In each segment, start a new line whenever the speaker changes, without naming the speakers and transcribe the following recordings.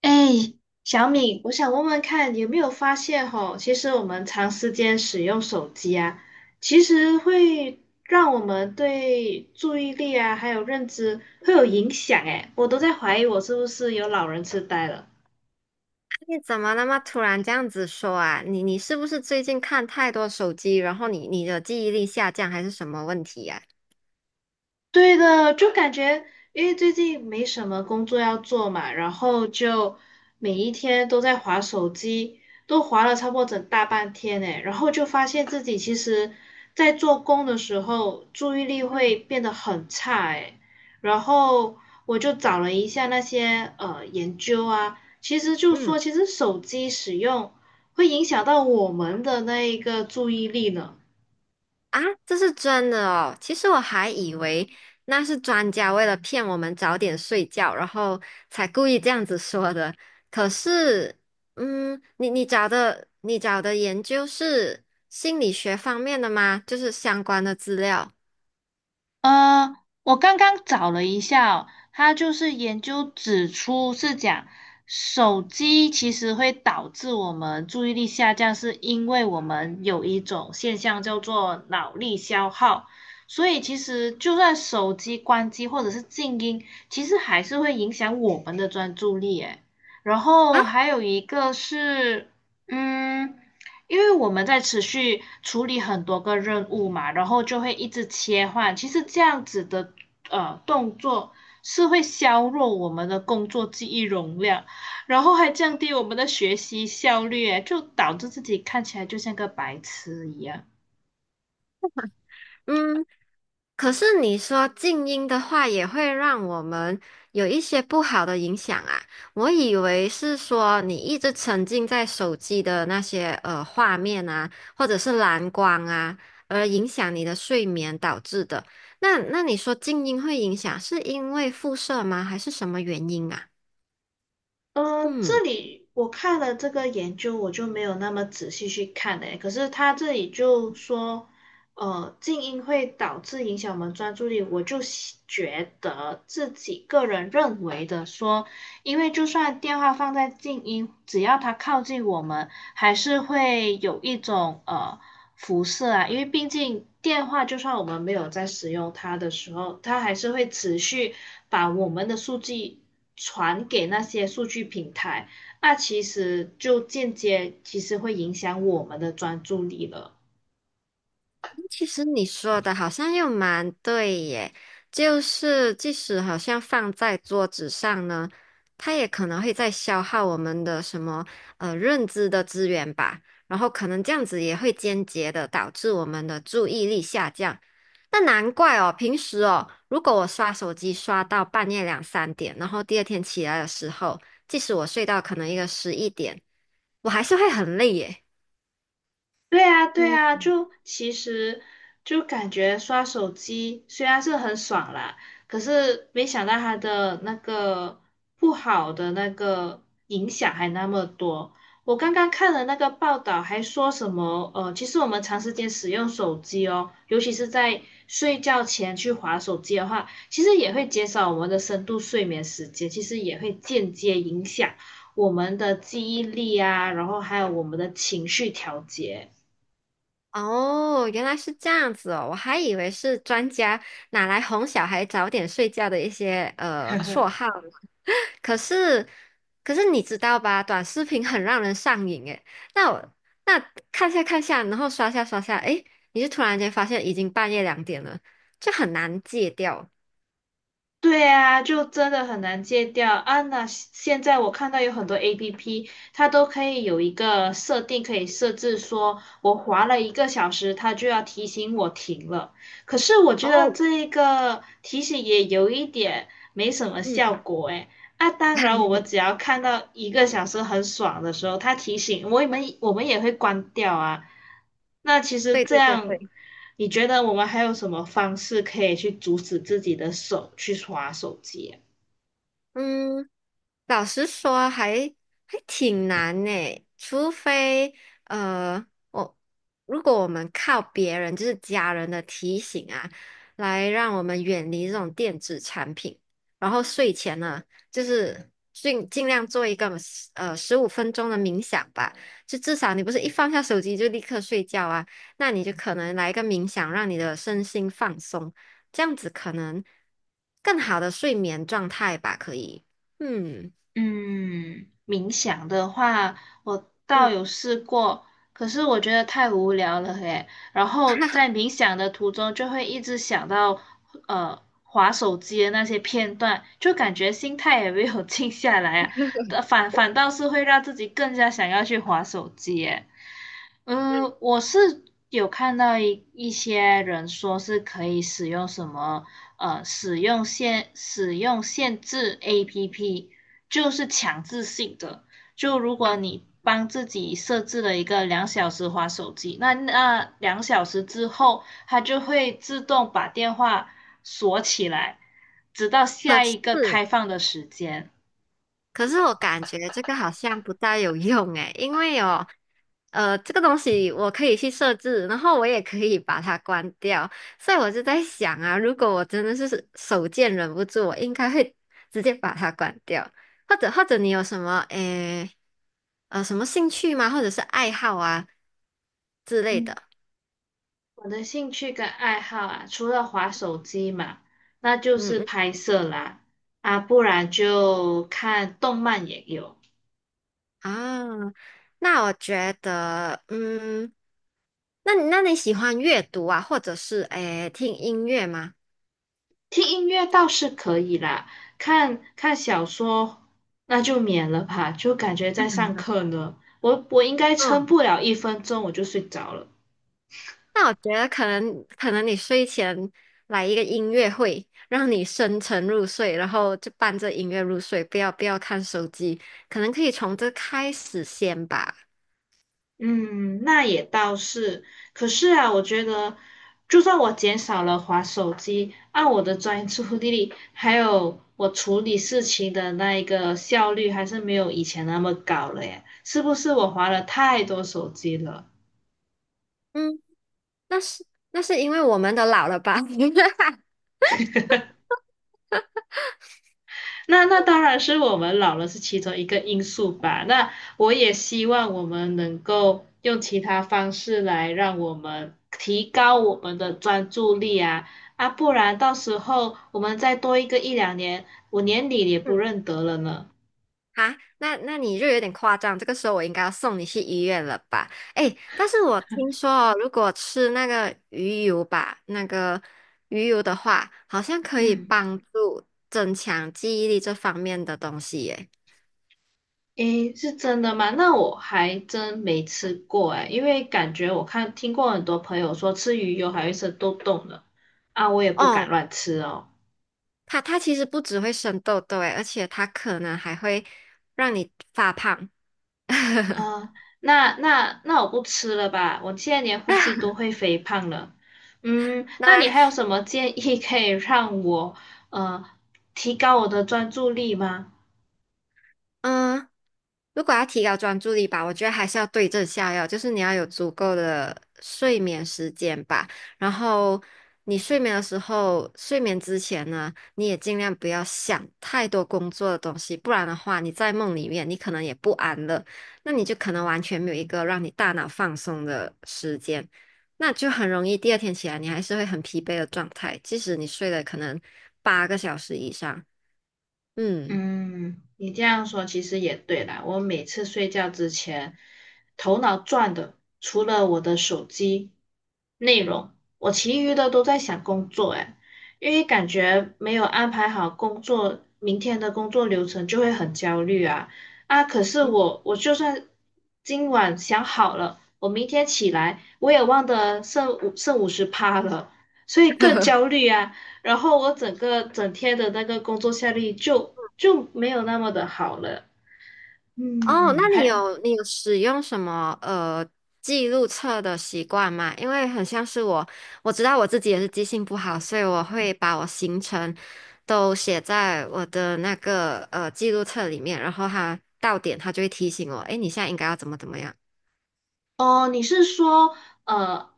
哎，小敏，我想问问看，有没有发现吼，其实我们长时间使用手机啊，其实会让我们对注意力啊，还有认知会有影响。哎，我都在怀疑我是不是有老人痴呆了。
你怎么那么突然这样子说啊？你是不是最近看太多手机，然后你的记忆力下降，还是什么问题呀、
对的，就感觉因为最近没什么工作要做嘛，然后就每一天都在划手机，都划了差不多整大半天诶，然后就发现自己其实，在做工的时候注意力会
嗯，
变得很差诶，然后我就找了一下那些研究啊，其实就说
嗯
其实手机使用会影响到我们的那一个注意力呢。
啊，这是真的哦。其实我还以为那是专家为了骗我们早点睡觉，然后才故意这样子说的。可是，嗯，你找的研究是心理学方面的吗？就是相关的资料
呃，我刚刚找了一下哦，它就是研究指出是讲手机其实会导致我们注意力下降，是因为我们有一种现象叫做脑力消耗，所以其实就算手机关机或者是静音，其实还是会影响我们的专注力诶。然
啊？
后还有一个是，嗯，因为我们在持续处理很多个任务嘛，然后就会一直切换。其实这样子的动作是会削弱我们的工作记忆容量，然后还降低我们的学习效率，诶就导致自己看起来就像个白痴一样。
嗯，可是你说静音的话，也会让我们有一些不好的影响啊。我以为是说你一直沉浸在手机的那些画面啊，或者是蓝光啊，而影响你的睡眠导致的。那你说静音会影响，是因为辐射吗？还是什么原因啊？
这
嗯。
里我看了这个研究，我就没有那么仔细去看嘞。可是他这里就说，静音会导致影响我们专注力。我就喜觉得自己个人认为的说，因为就算电话放在静音，只要它靠近我们，还是会有一种辐射啊，因为毕竟电话就算我们没有在使用它的时候，它还是会持续把我们的数据传给那些数据平台，那其实就间接其实会影响我们的专注力了。
其实你说的好像又蛮对耶，就是即使好像放在桌子上呢，它也可能会在消耗我们的什么认知的资源吧，然后可能这样子也会间接的导致我们的注意力下降。那难怪哦，平时哦，如果我刷手机刷到半夜2、3点，然后第二天起来的时候，即使我睡到可能一个11点，我还是会很累耶。
对啊，对
嗯。
啊，就其实就感觉刷手机虽然是很爽啦，可是没想到它的那个不好的那个影响还那么多。我刚刚看了那个报道，还说什么其实我们长时间使用手机哦，尤其是在睡觉前去划手机的话，其实也会减少我们的深度睡眠时间，其实也会间接影响我们的记忆力啊，然后还有我们的情绪调节。
哦，原来是这样子哦，我还以为是专家拿来哄小孩早点睡觉的一些绰号，可是可是你知道吧，短视频很让人上瘾诶。那我那看下看下，然后刷下刷下，诶，你就突然间发现已经半夜2点了，就很难戒掉。
对啊，就真的很难戒掉啊！那现在我看到有很多 APP，它都可以有一个设定，可以设置说，我滑了一个小时，它就要提醒我停了。可是我觉得
哦，
这一个提醒也有一点没什么
嗯，
效果诶，啊，当然，我们只要看到一个小时很爽的时候，它提醒我们，我们也会关掉啊。那其实
对
这
对对
样，
对，
你觉得我们还有什么方式可以去阻止自己的手去耍手机啊
嗯。老实说还，还挺难呢。除非呃，我如果我们靠别人，就是家人的提醒啊，来让我们远离这种电子产品，然后睡前呢，就是尽量做一个15分钟的冥想吧，就至少你不是一放下手机就立刻睡觉啊，那你就可能来一个冥想，让你的身心放松，这样子可能更好的睡眠状态吧，可以。嗯。
嗯，冥想的话，我倒
嗯，
有试过，可是我觉得太无聊了耶。然后在 冥想的途中，就会一直想到划手机的那些片段，就感觉心态也没有 静下来啊，反倒是会让自己更加想要去划手机耶。嗯，我是有看到一些人说是可以使用什么使用限制 APP，就是强制性的。就如果你帮自己设置了一个两小时划手机，那两小时之后，它就会自动把电话锁起来，直到
可
下一
是
个开放的时间。
可是我感觉这个好像不大有用诶，因为哦，这个东西我可以去设置，然后我也可以把它关掉，所以我就在想啊，如果我真的是手贱忍不住，我应该会直接把它关掉，或者你有什么诶什么兴趣吗？或者是爱好啊之类
嗯。
的？
我的兴趣跟爱好啊，除了滑手机嘛，那就
嗯
是
嗯。
拍摄啦，啊，不然就看动漫也有，
啊，那我觉得，嗯，那你喜欢阅读啊，或者是诶听音乐吗？
听音乐倒是可以啦，看看小说那就免了吧，就感觉在
嗯
上课呢，我应该撑
嗯
不了1分钟我就睡着了。
那我觉得可能你睡前来一个音乐会，让你深沉入睡，然后就伴着音乐入睡，不要看手机，可能可以从这开始先吧。
嗯，那也倒是。可是啊，我觉得，就算我减少了滑手机，按我的专注力，还有我处理事情的那一个效率，还是没有以前那么高了耶。是不是我滑了太多手机了？
嗯，那是那是因为我们都老了吧？
那当然是我们老了是其中一个因素吧。那我也希望我们能够用其他方式来让我们提高我们的专注力啊啊，不然到时候我们再多一个一两年，我连你也不
嗯。
认得了呢。
啊，那你就有点夸张，这个时候我应该要送你去医院了吧？哎，但是我听说哦，如果吃那个鱼油吧，那个鱼油的话，好像可以
嗯，
帮助增强记忆力这方面的东西耶。
诶，是真的吗？那我还真没吃过诶，因为感觉我看听过很多朋友说吃鱼油还会是都痘呢，啊，我也不敢
哦，
乱吃哦。
它其实不只会生痘痘诶，而且它可能还会让你发胖。
啊，那我不吃了吧，我现在连呼吸都会肥胖了。嗯，那你
那
还有什么建议可以让我呃提高我的专注力吗？
嗯，如果要提高专注力吧，我觉得还是要对症下药，就是你要有足够的睡眠时间吧。然后你睡眠的时候，睡眠之前呢，你也尽量不要想太多工作的东西，不然的话，你在梦里面你可能也不安乐，那你就可能完全没有一个让你大脑放松的时间，那就很容易第二天起来你还是会很疲惫的状态，即使你睡了可能8个小时以上，嗯。
嗯，你这样说其实也对啦。我每次睡觉之前，头脑转的除了我的手机内容，我其余的都在想工作。哎，因为感觉没有安排好工作，明天的工作流程就会很焦虑啊啊！可是我就算今晚想好了，我明天起来我也忘得剩50趴了，所以更焦虑啊。然后我整个整天的那个工作效率就没有那么的好了。
哦，
嗯，
那你
还
有你有使用什么记录册的习惯吗？因为很像是我，我知道我自己也是记性不好，所以我会把我行程都写在我的那个记录册里面，然后它到点它就会提醒我，诶，你现在应该要怎么怎么样。
哦，你是说呃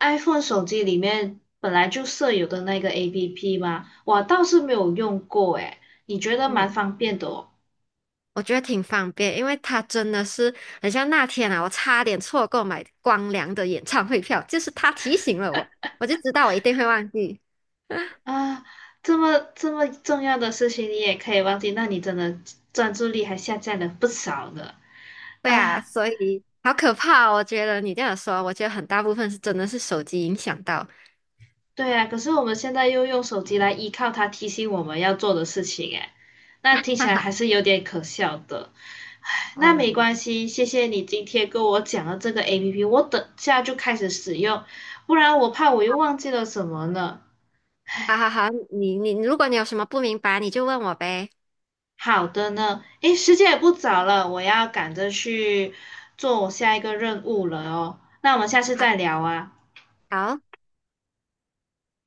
，iPhone 手机里面本来就设有的那个 APP 吗？我倒是没有用过诶，你觉得蛮
嗯，
方便的哦。
我觉得挺方便，因为它真的是很像那天啊，我差点错过买光良的演唱会票，就是他提醒了我，我就知道我一定会忘记。
啊，这么重要的事情你也可以忘记，那你真的专注力还下降了不少呢。
对啊，
啊，
所以好可怕哦我觉得你这样说，我觉得很大部分是真的是手机影响到，
对啊，可是我们现在又用手机来依靠它提醒我们要做的事情，哎，那 听起
哈
来还
哈，
是有点可笑的。那没关
嗯，
系，谢谢你今天跟我讲了这个 APP，我等下就开始使用，不然我怕我又忘记了什么呢。
好好好，你如果你有什么不明白，你就问我呗。
好的呢，诶，时间也不早了，我要赶着去做我下一个任务了哦。那我们下次
好，
再聊啊。
好。